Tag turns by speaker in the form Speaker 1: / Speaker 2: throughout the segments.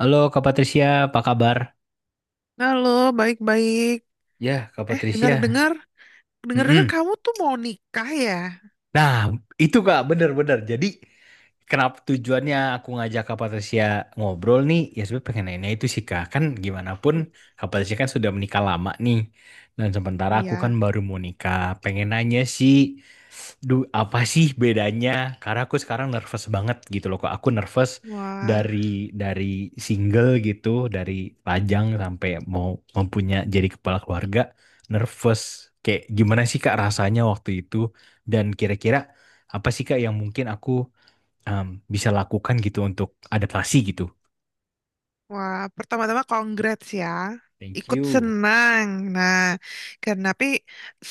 Speaker 1: Halo Kak Patricia, apa kabar?
Speaker 2: Halo, baik-baik.
Speaker 1: Ya, Kak
Speaker 2: Eh,
Speaker 1: Patricia.
Speaker 2: dengar-dengar, dengar-dengar
Speaker 1: Mm-mm.
Speaker 2: kamu tuh mau nikah ya?
Speaker 1: Nah, itu Kak, bener-bener. Jadi, kenapa tujuannya aku ngajak Kak Patricia ngobrol nih? Ya, sebenarnya pengen nanya itu sih Kak. Kan gimana pun,
Speaker 2: Hmm.
Speaker 1: Kak Patricia kan sudah menikah lama nih. Dan sementara aku kan
Speaker 2: Iya.
Speaker 1: baru mau nikah. Pengen nanya sih, duh, apa sih bedanya? Karena aku sekarang nervous banget gitu loh. Kok aku nervous
Speaker 2: Wah,
Speaker 1: dari dari single gitu, dari Pajang sampai mau mempunyai jadi kepala keluarga, nervous. Kayak gimana sih Kak rasanya waktu itu? Dan kira-kira apa sih Kak yang mungkin aku um, bisa lakukan gitu untuk adaptasi gitu?
Speaker 2: wah, pertama-tama congrats ya.
Speaker 1: Thank
Speaker 2: Ikut
Speaker 1: you.
Speaker 2: senang. Nah, karena tapi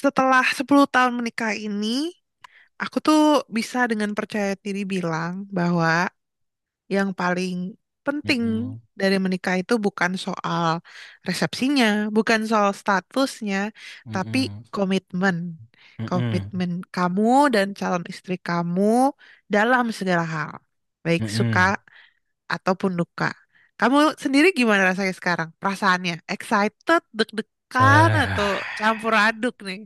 Speaker 2: setelah 10 tahun menikah ini, aku tuh bisa dengan percaya diri bilang bahwa yang paling penting
Speaker 1: Mm-mm.
Speaker 2: dari menikah itu bukan soal resepsinya, bukan soal statusnya, tapi
Speaker 1: Mm-mm.
Speaker 2: komitmen.
Speaker 1: Mm-mm. Mm-mm.
Speaker 2: Komitmen kamu dan calon istri kamu dalam segala hal, baik suka ataupun duka. Kamu sendiri gimana rasanya sekarang? Perasaannya excited, deg-degan atau
Speaker 1: Eh.
Speaker 2: campur aduk nih?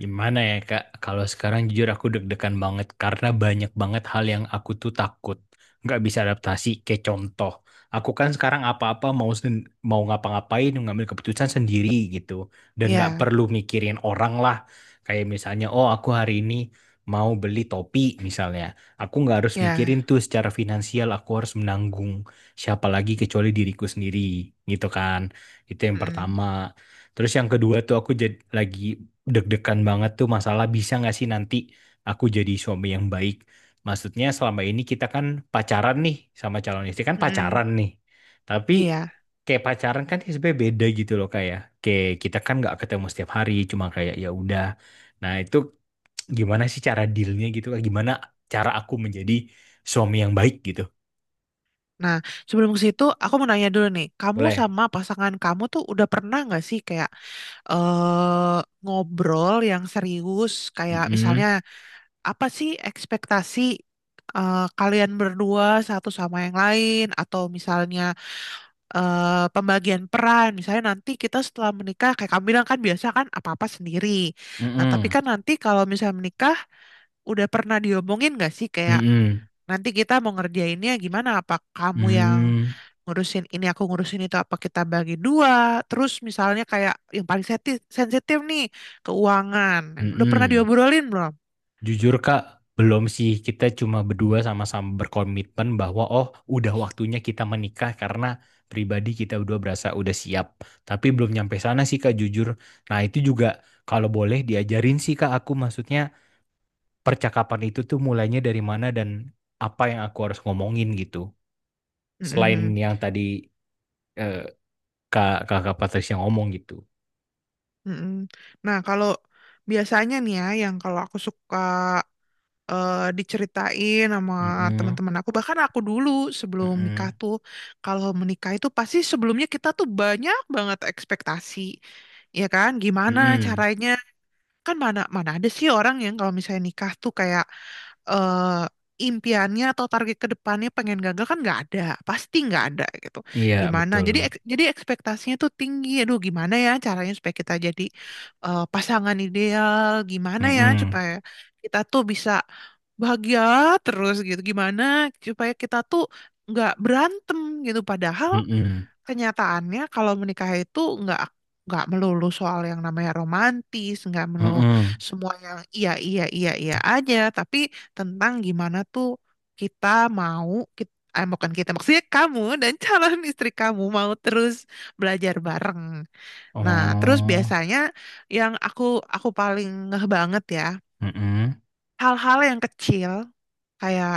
Speaker 1: Gimana ya Kak, kalau sekarang jujur aku deg-degan banget karena banyak banget hal yang aku tuh takut nggak bisa adaptasi. Kayak contoh, aku kan sekarang apa-apa mau ngapa-ngapain ngambil keputusan sendiri gitu dan nggak
Speaker 2: Iya,
Speaker 1: perlu mikirin orang lah. Kayak misalnya, oh aku hari ini mau beli topi misalnya, aku nggak harus mikirin
Speaker 2: iya.
Speaker 1: tuh secara finansial aku harus menanggung siapa lagi kecuali diriku sendiri gitu kan. Itu yang
Speaker 2: Mm-mm,
Speaker 1: pertama. Terus yang kedua tuh aku jadi lagi deg-degan banget tuh masalah bisa nggak sih nanti aku jadi suami yang baik. Maksudnya selama ini kita kan pacaran nih sama calon istri kan
Speaker 2: mm-mm.
Speaker 1: pacaran nih. Tapi
Speaker 2: Iya.
Speaker 1: kayak pacaran kan sebenarnya beda gitu loh kayak kayak kita kan nggak ketemu setiap hari cuma kayak ya udah. Nah itu gimana sih cara dealnya gitu. Gimana cara aku menjadi suami yang baik gitu?
Speaker 2: Nah, sebelum ke situ, aku mau nanya dulu nih, kamu
Speaker 1: Boleh?
Speaker 2: sama pasangan kamu tuh udah pernah nggak sih kayak ngobrol yang serius, kayak misalnya
Speaker 1: Mm-mm.
Speaker 2: apa sih ekspektasi kalian berdua satu sama yang lain, atau misalnya pembagian peran, misalnya nanti kita setelah menikah, kayak kamu bilang kan biasa kan apa-apa sendiri. Nah, tapi
Speaker 1: Mm-mm.
Speaker 2: kan nanti kalau misalnya menikah, udah pernah diomongin nggak sih kayak
Speaker 1: Mm-mm.
Speaker 2: nanti kita mau ngerjainnya gimana? Apa kamu yang
Speaker 1: Mm-mm.
Speaker 2: ngurusin ini aku ngurusin itu apa kita bagi dua terus misalnya kayak yang paling sensitif nih keuangan udah pernah
Speaker 1: Mm-mm.
Speaker 2: diobrolin belum?
Speaker 1: Jujur Kak, belum sih. Kita cuma berdua sama-sama berkomitmen bahwa oh udah waktunya kita menikah karena pribadi kita berdua berasa udah siap. Tapi belum nyampe sana sih Kak, jujur. Nah itu juga kalau boleh diajarin sih Kak aku maksudnya percakapan itu tuh mulainya dari mana dan apa yang aku harus ngomongin gitu. Selain
Speaker 2: Mm-mm.
Speaker 1: yang tadi eh, Kakak Patricia ngomong gitu.
Speaker 2: Mm-mm. Nah kalau biasanya nih ya yang kalau aku suka diceritain sama
Speaker 1: Mm-mm,
Speaker 2: teman-teman aku bahkan aku dulu sebelum nikah
Speaker 1: mm-mm,
Speaker 2: tuh kalau menikah itu pasti sebelumnya kita tuh banyak banget ekspektasi ya kan gimana
Speaker 1: mm-mm.
Speaker 2: caranya kan mana mana ada sih orang yang kalau misalnya nikah tuh kayak eh impiannya atau target ke depannya pengen gagal kan nggak ada pasti nggak ada gitu
Speaker 1: Iya
Speaker 2: gimana
Speaker 1: betul.
Speaker 2: jadi ekspektasinya tuh tinggi aduh gimana ya caranya supaya kita jadi pasangan ideal gimana ya
Speaker 1: Mm-mm,
Speaker 2: supaya kita tuh bisa bahagia terus gitu gimana supaya kita tuh nggak berantem gitu padahal
Speaker 1: mm-mm.
Speaker 2: kenyataannya kalau menikah itu nggak melulu soal yang namanya romantis, nggak melulu
Speaker 1: Mm-mm.
Speaker 2: semua yang iya iya iya iya aja, tapi tentang gimana tuh kita mau kita, eh, bukan kita maksudnya kamu dan calon istri kamu mau terus belajar bareng. Nah, terus
Speaker 1: Oh,
Speaker 2: biasanya yang aku paling ngeh banget ya,
Speaker 1: mm-mm,
Speaker 2: hal-hal yang kecil kayak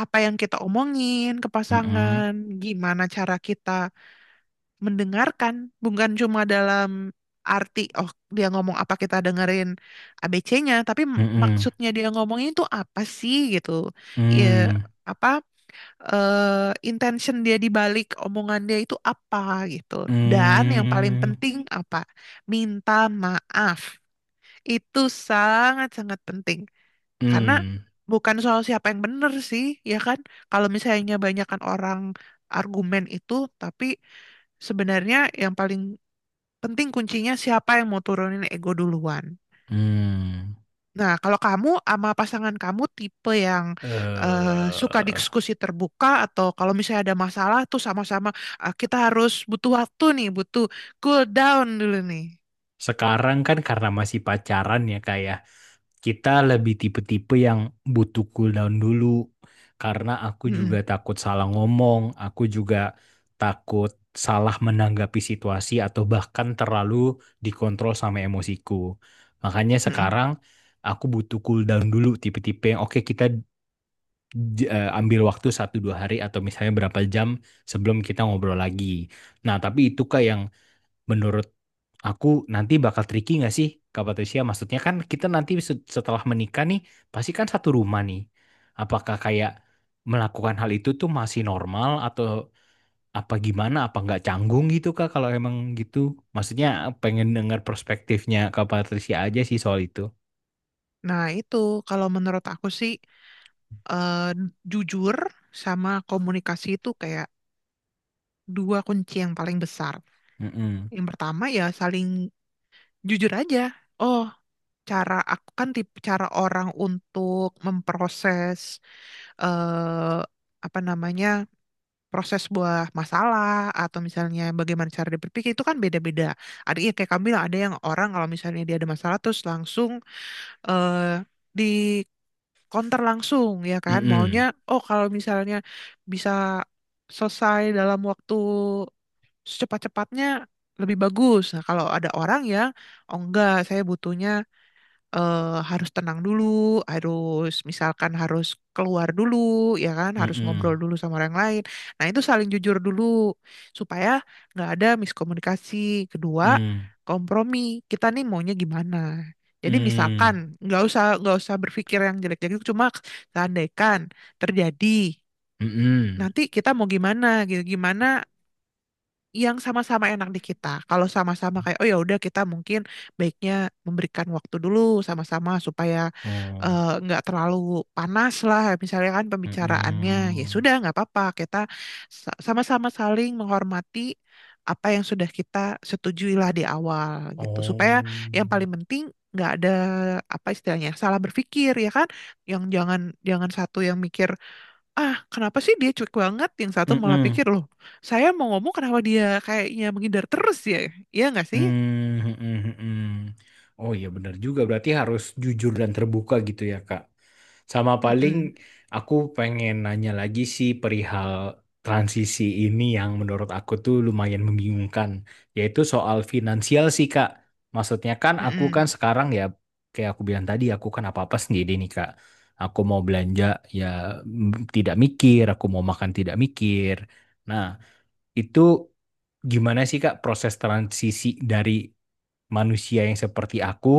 Speaker 2: apa yang kita omongin ke
Speaker 1: mm-mm,
Speaker 2: pasangan, gimana cara kita mendengarkan bukan cuma dalam arti oh dia ngomong apa kita dengerin ABC-nya tapi
Speaker 1: mm-mm,
Speaker 2: maksudnya dia ngomongnya itu apa sih gitu ya
Speaker 1: mm,
Speaker 2: apa intention dia di balik omongan dia itu apa gitu dan yang paling
Speaker 1: mm,
Speaker 2: penting apa minta maaf itu sangat-sangat penting karena
Speaker 1: mm,
Speaker 2: bukan soal siapa yang benar sih ya kan kalau misalnya banyakkan orang argumen itu tapi sebenarnya yang paling penting kuncinya siapa yang mau turunin ego duluan.
Speaker 1: mm.
Speaker 2: Nah, kalau kamu sama pasangan kamu tipe yang eh, suka
Speaker 1: Eh,
Speaker 2: diskusi terbuka atau kalau misalnya ada masalah tuh sama-sama, "Ah, kita harus butuh waktu nih, butuh cool down dulu nih."
Speaker 1: sekarang kan karena masih pacaran ya kak ya, kita lebih tipe-tipe yang butuh cooldown dulu karena aku juga
Speaker 2: Mm-mm,
Speaker 1: takut salah ngomong, aku juga takut salah menanggapi situasi atau bahkan terlalu dikontrol sama emosiku. Makanya
Speaker 2: mm-mm.
Speaker 1: sekarang aku butuh cooldown dulu tipe-tipe yang oke kita ambil waktu satu dua hari atau misalnya berapa jam sebelum kita ngobrol lagi. Nah, tapi itu kak yang menurut aku nanti bakal tricky nggak sih Kak Patricia? Maksudnya kan kita nanti setelah menikah nih, pasti kan satu rumah nih. Apakah kayak melakukan hal itu tuh masih normal atau apa gimana? Apa nggak canggung gitu Kak kalau emang gitu? Maksudnya pengen dengar perspektifnya Kak Patricia aja sih soal itu.
Speaker 2: Nah, itu kalau menurut aku sih eh, jujur sama komunikasi itu kayak dua kunci yang paling besar.
Speaker 1: Mm-mm.
Speaker 2: Yang pertama ya saling jujur aja. Oh, cara aku kan tipe cara orang untuk memproses eh apa namanya proses buah masalah atau misalnya bagaimana cara dia berpikir itu kan beda-beda. Ada ya kayak kamu bilang ada yang orang kalau misalnya dia ada masalah terus langsung eh di counter langsung ya kan maunya
Speaker 1: Mm-mm.
Speaker 2: oh kalau misalnya bisa selesai dalam waktu secepat-cepatnya lebih bagus. Nah, kalau ada orang yang oh enggak saya butuhnya eh, harus tenang dulu, harus misalkan harus keluar dulu, ya kan, harus ngobrol
Speaker 1: Mm-mm.
Speaker 2: dulu sama orang lain. Nah, itu saling jujur dulu supaya nggak ada miskomunikasi. Kedua,
Speaker 1: Mm.
Speaker 2: kompromi. Kita nih maunya gimana? Jadi misalkan
Speaker 1: Mm.
Speaker 2: nggak usah berpikir yang jelek-jelek, cuma seandaikan terjadi
Speaker 1: Mm-mm.
Speaker 2: nanti kita mau gimana gitu, gimana yang sama-sama enak di kita. Kalau sama-sama kayak oh ya udah kita mungkin baiknya memberikan waktu dulu sama-sama supaya
Speaker 1: Oh.
Speaker 2: nggak terlalu panas lah misalnya kan pembicaraannya ya
Speaker 1: Mm-mm.
Speaker 2: sudah nggak apa-apa kita sama-sama saling menghormati apa yang sudah kita setujui lah di awal gitu supaya yang
Speaker 1: Oh.
Speaker 2: paling penting nggak ada apa istilahnya salah berpikir ya kan yang jangan jangan satu yang mikir ah kenapa sih dia cuek banget yang satu malah
Speaker 1: Mm-mm.
Speaker 2: pikir loh saya mau ngomong kenapa dia kayaknya menghindar terus ya iya nggak sih?
Speaker 1: Hmm, hmm, hmm. Hmm. Hmm. Oh iya benar juga berarti harus jujur dan terbuka gitu ya Kak. Sama paling
Speaker 2: Mm-mm.
Speaker 1: aku pengen nanya lagi sih perihal transisi ini yang menurut aku tuh lumayan membingungkan, yaitu soal finansial sih Kak. Maksudnya kan aku kan
Speaker 2: Mm-mm.
Speaker 1: sekarang ya kayak aku bilang tadi aku kan apa-apa sendiri nih Kak. Aku mau belanja ya, tidak mikir, aku mau makan tidak mikir. Nah, itu gimana sih Kak proses transisi dari manusia yang seperti aku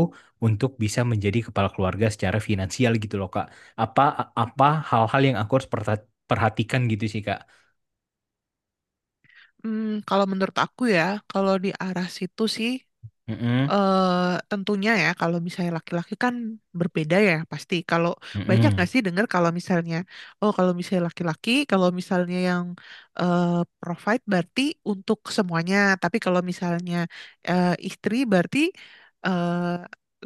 Speaker 1: untuk bisa menjadi kepala keluarga secara finansial gitu loh Kak. Apa apa hal-hal yang aku harus perhatikan gitu sih Kak.
Speaker 2: Hmm, kalau menurut aku ya, kalau di arah situ sih,
Speaker 1: Mm-mm,
Speaker 2: tentunya ya kalau misalnya laki-laki kan berbeda ya pasti. Kalau banyak
Speaker 1: mm-mm,
Speaker 2: nggak sih dengar kalau misalnya oh kalau misalnya laki-laki kalau misalnya yang eh, provide berarti untuk semuanya. Tapi kalau misalnya istri berarti eh,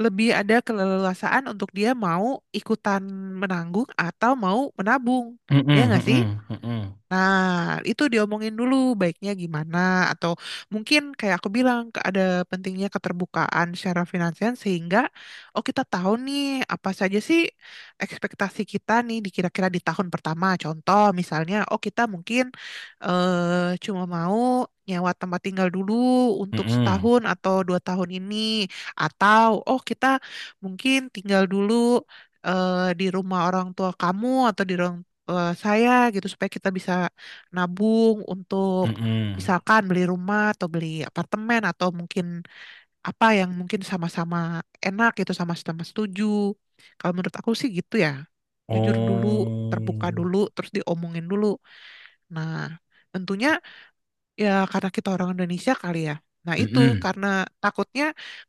Speaker 2: lebih ada keleluasaan untuk dia mau ikutan menanggung atau mau menabung.
Speaker 1: mm-mm,
Speaker 2: Ya nggak sih?
Speaker 1: mm-mm, mm-mm,
Speaker 2: Nah, itu diomongin dulu baiknya gimana atau mungkin kayak aku bilang ada pentingnya keterbukaan secara finansial sehingga oh kita tahu nih apa saja sih ekspektasi kita nih di kira-kira di tahun pertama. Contoh misalnya oh kita mungkin cuma mau nyewa tempat tinggal dulu untuk
Speaker 1: mm-mm,
Speaker 2: setahun atau 2 tahun ini atau oh kita mungkin tinggal dulu eh, di rumah orang tua kamu atau di ruang saya gitu supaya kita bisa nabung untuk
Speaker 1: mm-mm.
Speaker 2: misalkan beli rumah atau beli apartemen atau mungkin apa yang mungkin sama-sama enak gitu sama-sama setuju. Kalau menurut aku sih gitu ya. Jujur dulu, terbuka
Speaker 1: Oh,
Speaker 2: dulu, terus diomongin dulu. Nah, tentunya ya karena kita orang Indonesia kali ya. Nah, itu
Speaker 1: mm-mm,
Speaker 2: karena takutnya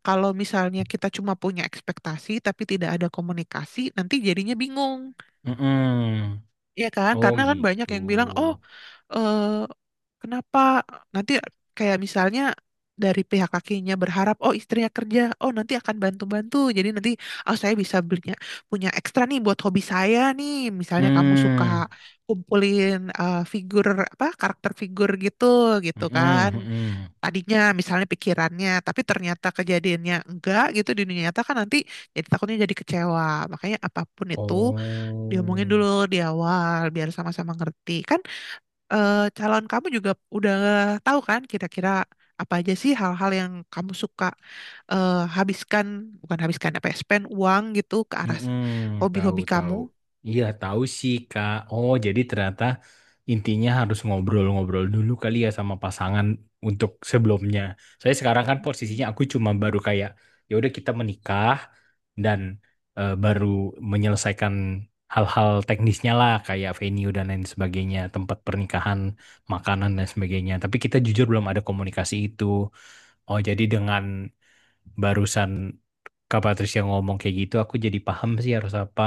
Speaker 2: kalau misalnya kita cuma punya ekspektasi tapi tidak ada komunikasi, nanti jadinya bingung.
Speaker 1: mm-mm.
Speaker 2: Iya kan?
Speaker 1: Oh
Speaker 2: Karena kan banyak
Speaker 1: gitu.
Speaker 2: yang bilang, "Oh, eh kenapa nanti kayak misalnya dari pihak kakinya berharap, oh istrinya kerja, oh nanti akan bantu-bantu, jadi nanti oh saya bisa belinya punya ekstra nih buat hobi saya nih, misalnya kamu suka
Speaker 1: Mm,
Speaker 2: kumpulin figur apa karakter figur gitu gitu kan,
Speaker 1: mm-mm, mm-mm.
Speaker 2: tadinya misalnya pikirannya, tapi ternyata kejadiannya enggak gitu di dunia nyata kan nanti jadi takutnya jadi kecewa, makanya apapun itu diomongin
Speaker 1: Oh.
Speaker 2: dulu di awal biar sama-sama ngerti kan calon kamu juga udah tahu kan kira-kira apa aja sih hal-hal yang kamu suka eh, habiskan, bukan habiskan apa ya, spend uang gitu ke arah
Speaker 1: Mm-mm, tahu
Speaker 2: hobi-hobi kamu.
Speaker 1: tahu. Iya, tahu sih, Kak. Oh, jadi ternyata intinya harus ngobrol-ngobrol dulu kali ya sama pasangan untuk sebelumnya. Saya sekarang kan posisinya aku cuma baru kayak ya udah kita menikah dan baru menyelesaikan hal-hal teknisnya lah kayak venue dan lain sebagainya, tempat pernikahan, makanan dan sebagainya. Tapi kita jujur belum ada komunikasi itu. Oh, jadi dengan barusan Kak Patricia ngomong kayak gitu, aku jadi paham sih harus apa.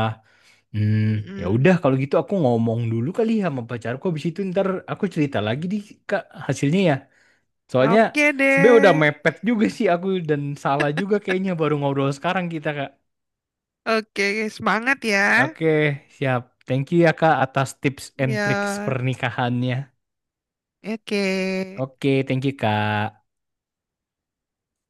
Speaker 1: Hmm, ya
Speaker 2: Mm-mm.
Speaker 1: udah kalau gitu aku ngomong dulu kali ya sama pacarku. Habis itu ntar aku cerita lagi di Kak hasilnya ya. Soalnya
Speaker 2: Oke
Speaker 1: sebenarnya udah
Speaker 2: deh.
Speaker 1: mepet juga sih aku dan salah juga kayaknya baru ngobrol sekarang kita Kak.
Speaker 2: Oke, semangat ya.
Speaker 1: Oke, siap. Thank you ya Kak atas tips and tricks
Speaker 2: Ya,
Speaker 1: pernikahannya.
Speaker 2: oke.
Speaker 1: Oke, thank you Kak.